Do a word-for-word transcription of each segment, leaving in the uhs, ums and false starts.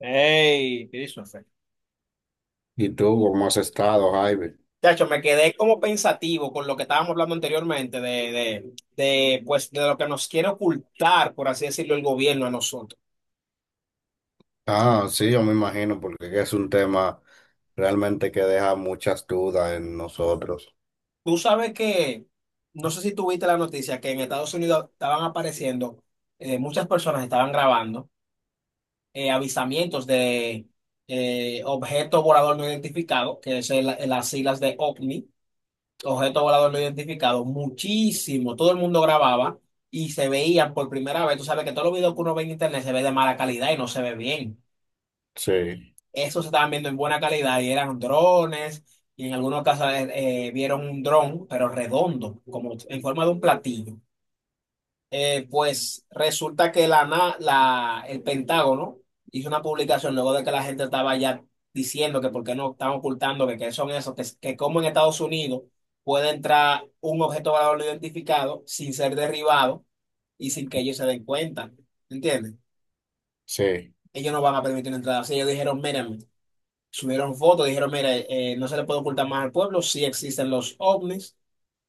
Ey, Christopher. ¿Y tú cómo has estado, Jaime? Chacho, me quedé como pensativo con lo que estábamos hablando anteriormente de, de, de, pues, de lo que nos quiere ocultar, por así decirlo, el gobierno a nosotros. Ah, sí, yo me imagino, porque es un tema realmente que deja muchas dudas en nosotros. Tú sabes que, no sé si tuviste la noticia, que en Estados Unidos estaban apareciendo, eh, muchas personas estaban grabando eh, avisamientos de eh, objeto volador no identificado, que es el- las siglas de OVNI, objeto volador no identificado, muchísimo, todo el mundo grababa y se veían por primera vez. Tú sabes que todos los videos que uno ve en internet se ve de mala calidad y no se ve bien. Sí, Esos se estaban viendo en buena calidad y eran drones, y en algunos casos eh, eh, vieron un dron, pero redondo, como en forma de un platillo. Eh, pues resulta que la, na- la, el Pentágono hizo una publicación luego de que la gente estaba ya diciendo que por qué no están ocultando, que qué son esos, que, que cómo en Estados Unidos puede entrar un objeto volador no identificado sin ser derribado y sin que ellos se den cuenta. ¿Entiendes? sí. Ellos no van a permitir una entrada. Así ellos dijeron, miren, subieron fotos, dijeron, mire, eh, no se le puede ocultar más al pueblo si existen los ovnis.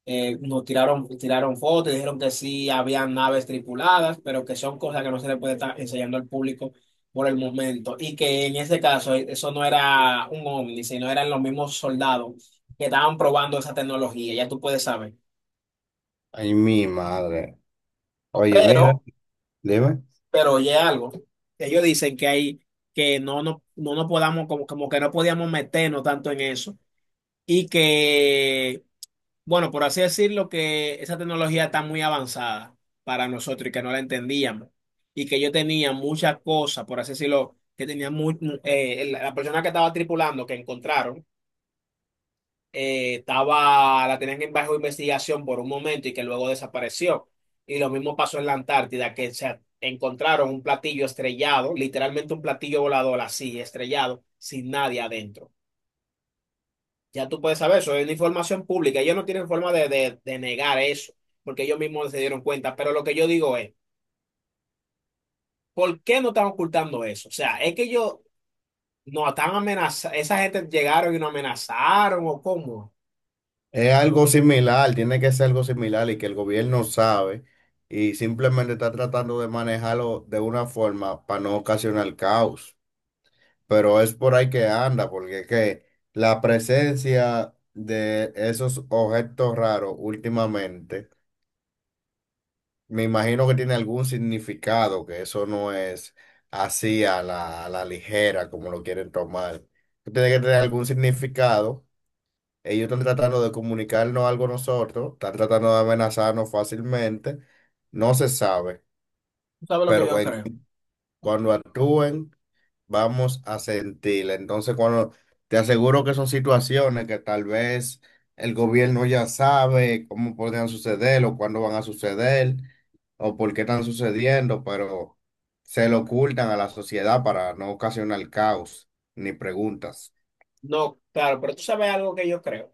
Eh, nos tiraron, tiraron fotos y dijeron que sí habían naves tripuladas, pero que son cosas que no se le puede estar enseñando al público por el momento. Y que en ese caso eh, eso no era un ovni, sino eran los mismos soldados que estaban probando esa tecnología, ya tú puedes saber. Ay, mi madre. Oye, mira, Pero, dime, pero oye algo, ellos dicen que hay, que no, nos no, no nos podamos, como, como que no podíamos meternos tanto en eso. Y que Bueno, por así decirlo, que esa tecnología está muy avanzada para nosotros y que no la entendíamos. Y que yo tenía muchas cosas, por así decirlo, que tenía muy, eh, la la persona que estaba tripulando, que encontraron, eh, estaba, la tenían en bajo investigación por un momento y que luego desapareció. Y lo mismo pasó en la Antártida, que se encontraron un platillo estrellado, literalmente un platillo volador así, estrellado, sin nadie adentro. Ya tú puedes saber eso, es una información pública. Ellos no tienen forma de, de- de negar eso, porque ellos mismos se dieron cuenta. Pero lo que yo digo es, ¿por qué no están ocultando eso? O sea, es que ellos no están amenazando, esa gente llegaron y nos amenazaron o cómo. es algo similar, tiene que ser algo similar y que el gobierno sabe y simplemente está tratando de manejarlo de una forma para no ocasionar caos. Pero es por ahí que anda, porque es que la presencia de esos objetos raros últimamente. Me imagino que tiene algún significado, que eso no es así a la, a la ligera como lo quieren tomar. Tiene que tener algún significado. Ellos están tratando de comunicarnos algo a nosotros, están tratando de amenazarnos fácilmente. No se sabe, ¿Tú sabes lo que pero yo en creo? cuando actúen, vamos a sentirla. Entonces, cuando te aseguro que son situaciones que tal vez el gobierno ya sabe cómo podrían suceder o cuándo van a suceder o por qué están sucediendo, pero se lo ocultan a la sociedad para no ocasionar caos ni preguntas. No, claro, pero tú sabes algo que yo creo.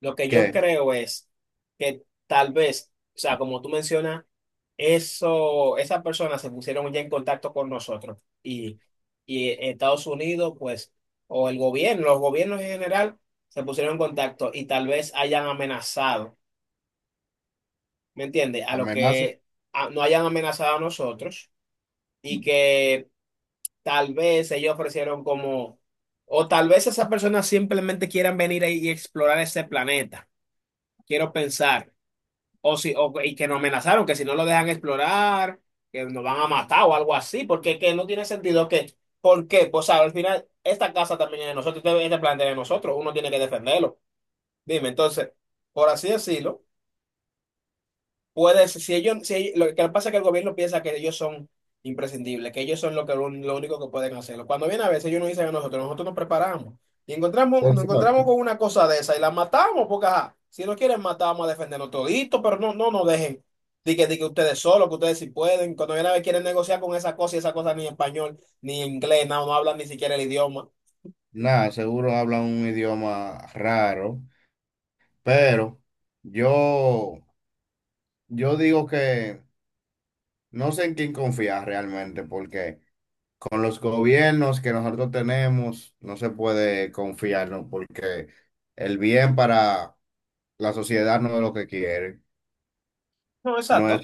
Lo que yo ¿Qué? creo es que tal vez, o sea, como tú mencionas, eso, esas personas se pusieron ya en contacto con nosotros y, y Estados Unidos, pues, o el gobierno, los gobiernos en general, se pusieron en contacto y tal vez hayan amenazado, ¿me entiendes? A lo ¿Amenazas? que a- no hayan amenazado a nosotros, y que tal vez ellos ofrecieron como, o tal vez esas personas simplemente quieran venir ahí y explorar ese planeta. Quiero pensar. O si, o, y que nos amenazaron que si no lo dejan explorar, que nos van a matar o algo así, porque que no tiene sentido que, ¿por qué? Pues, ¿sabes? Al final, esta casa también es de nosotros, este este planeta es de nosotros, uno tiene que defenderlo. Dime, entonces, por así decirlo. Puedes, si ellos, si, lo que pasa es que el gobierno piensa que ellos son imprescindibles, que ellos son lo, que, lo, lo único que pueden hacerlo. Cuando viene a veces ellos nos dicen a nosotros, nosotros nos preparamos y encontramos, nos encontramos Exacto. con una cosa de esa y la matamos, porque ajá, si no quieren matar, vamos a defendernos todito, pero no, no nos dejen. Di que, di que ustedes solos, que ustedes sí pueden. Cuando viene a ver quieren negociar con esa cosa, y esa cosa ni español, ni inglés, no, no hablan ni siquiera el idioma. Nada, seguro hablan un idioma raro, pero yo, yo digo que no sé en quién confiar realmente, porque con los gobiernos que nosotros tenemos no se puede confiar, ¿no? Porque el bien para la sociedad no es lo que quiere, No, no exacto. es,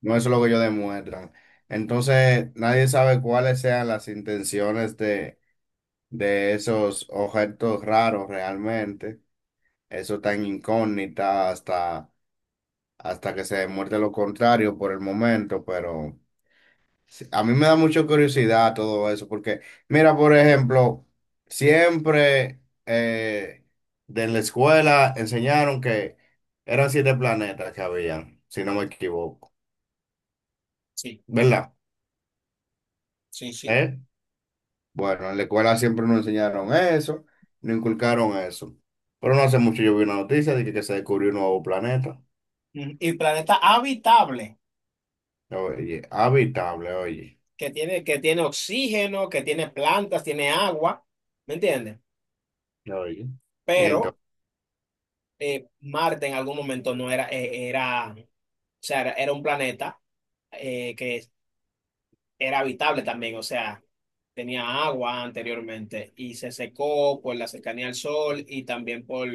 no es lo que ellos demuestran. Entonces, nadie sabe cuáles sean las intenciones de, de esos objetos raros realmente. Eso está en incógnita hasta, hasta que se demuestre lo contrario por el momento, pero... A mí me da mucha curiosidad todo eso, porque mira, por ejemplo, siempre eh, de la escuela enseñaron que eran siete planetas que habían, si no me equivoco, Sí, ¿verdad? sí, sí. ¿Eh? Bueno, en la escuela siempre nos enseñaron eso, nos inculcaron eso. Pero no hace mucho yo vi una noticia de que, que se descubrió un nuevo planeta, Mm, y planeta habitable. oye, habitable, oye. Que tiene, que tiene oxígeno, que tiene plantas, tiene agua, ¿me entiendes? Oye. Pero Entonces, eh, Marte en algún momento no era, eh, era, o sea, era, era un planeta eh, que era habitable también, o sea, tenía agua anteriormente y se secó por la cercanía al Sol y también por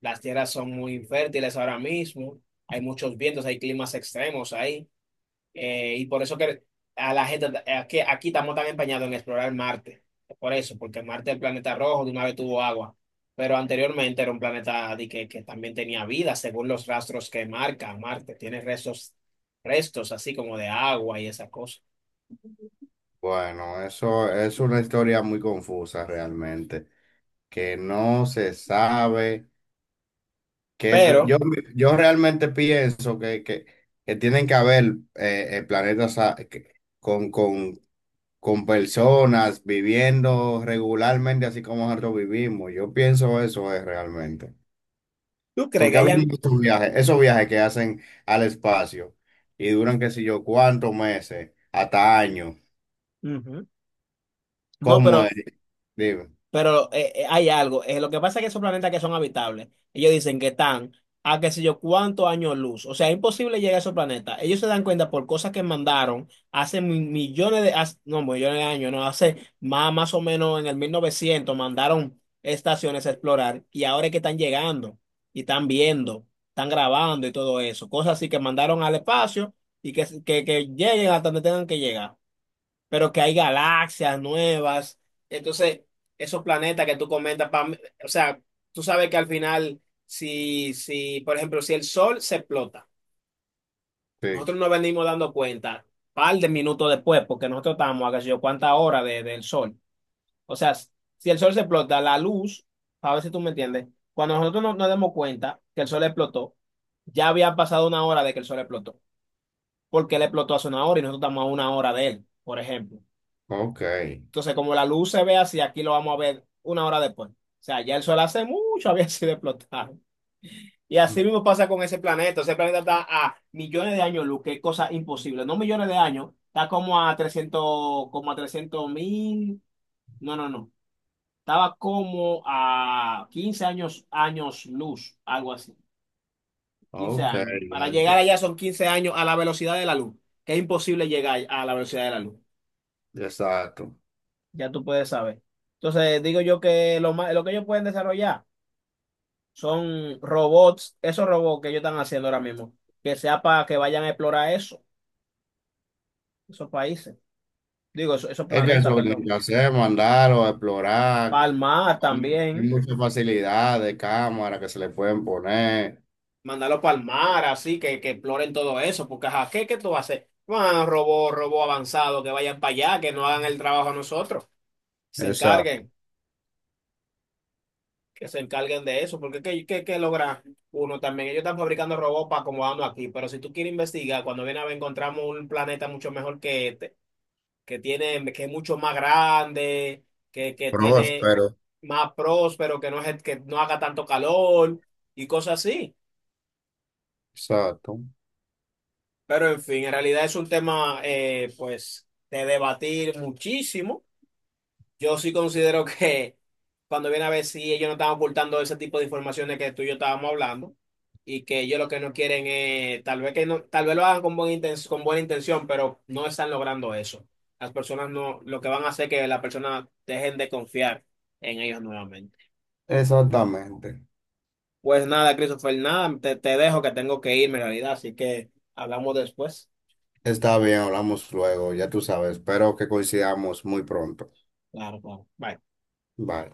las tierras son muy infértiles ahora mismo, hay muchos vientos, hay climas extremos ahí. Eh, y por eso que a la gente, eh, que aquí estamos tan empeñados en explorar Marte. Por eso, porque Marte es el planeta rojo, de una vez tuvo agua. Pero anteriormente era un planeta de que, que también tenía vida, según los rastros que marca Marte. Tiene restos, restos así como de agua y esas cosas. bueno, eso es una historia muy confusa realmente, que no se sabe qué es lo- Pero, Yo, yo realmente pienso que, que, que tienen que haber eh, eh, planetas a- que- con, con, con personas viviendo regularmente así como nosotros vivimos. Yo pienso eso es realmente. ¿tú crees Porque que hablamos hayan? de estos viajes, esos viajes que hacen al espacio y duran qué sé yo cuántos meses, hasta años. Ujú. No, ¿Cómo pero es? Dime. Pero eh, eh, hay algo. Eh, lo que pasa es que esos planetas que son habitables, ellos dicen que están a qué sé yo cuántos años luz. O sea, es imposible llegar a esos planetas. Ellos se dan cuenta por cosas que mandaron hace mi- millones de, hace- no, millones de años, no, hace más, más o menos en el mil novecientos mandaron estaciones a explorar, y ahora es que están llegando y están viendo, están grabando y todo eso. Cosas así que mandaron al espacio y que, que, que lleguen hasta donde tengan que llegar, pero que hay galaxias nuevas. Entonces, esos planetas que tú comentas, pa', o sea, tú sabes que al final, si, si, por ejemplo, si el Sol se explota, Sí. nosotros nos venimos dando cuenta par de minutos después, porque nosotros estamos a qué sé yo cuántas horas de- del Sol. O sea, si el Sol se explota, la luz, a ver si tú me entiendes, cuando nosotros no- nos demos cuenta que el Sol explotó, ya había pasado una hora de que el Sol explotó, porque él explotó hace una hora y nosotros estamos a una hora de él, por ejemplo. Ok. Entonces, como la luz se ve así, aquí lo vamos a ver una hora después. O sea, ya el sol hace mucho había sido explotado. Y así mismo pasa con ese planeta. Ese planeta está a millones de años luz, que es cosa imposible. No millones de años, está como a trescientos, como a trescientos mil. No, no, no. Estaba como a quince años, años luz, algo así. quince Ok, años. Para ya llegar allá entiendo. son quince años a la velocidad de la luz, que es imposible llegar a la velocidad de la luz. Exacto. Ya tú puedes saber. Entonces, digo yo que lo más, lo que ellos pueden desarrollar. Son robots, esos robots que ellos están haciendo ahora mismo, que sea para que vayan a explorar eso, esos países, digo, esos esos Es que eso planetas, es lo que hay perdón. que o explorar. Palmar Hay también, muchas facilidades, cámaras que se le pueden poner. mandarlo palmar, así que, que exploren todo eso, porque ajá, ¿qué, qué tú vas a hacer? Bueno, robot, robot avanzado, que vayan para allá, que no hagan el trabajo a nosotros, se Exacto. encarguen, que se encarguen de eso, porque ¿qué, qué, ¿qué logra uno también? Ellos están fabricando robots para acomodarnos aquí, pero si tú quieres investigar, cuando viene a ver, encontramos un planeta mucho mejor que este, que tiene, que es mucho más grande, que, que tiene Próspero. más próspero, que no es, que no haga tanto calor y cosas así. Exacto. Pero en fin, en realidad es un tema, eh, pues, de debatir muchísimo. Yo sí considero que cuando viene a ver si ellos no están ocultando ese tipo de informaciones que tú y yo estábamos hablando, y que ellos lo que no quieren es, tal vez que no, tal vez lo hagan con buena intención, con buena intención, pero no están logrando eso. Las personas no, lo que van a hacer es que las personas dejen de confiar en ellos nuevamente. Exactamente. Pues nada, Christopher, nada, te, te dejo que tengo que irme en realidad, así que hablamos después. Está bien, hablamos luego, ya tú sabes. Espero que coincidamos muy pronto. Claro, claro. Bye. Bye.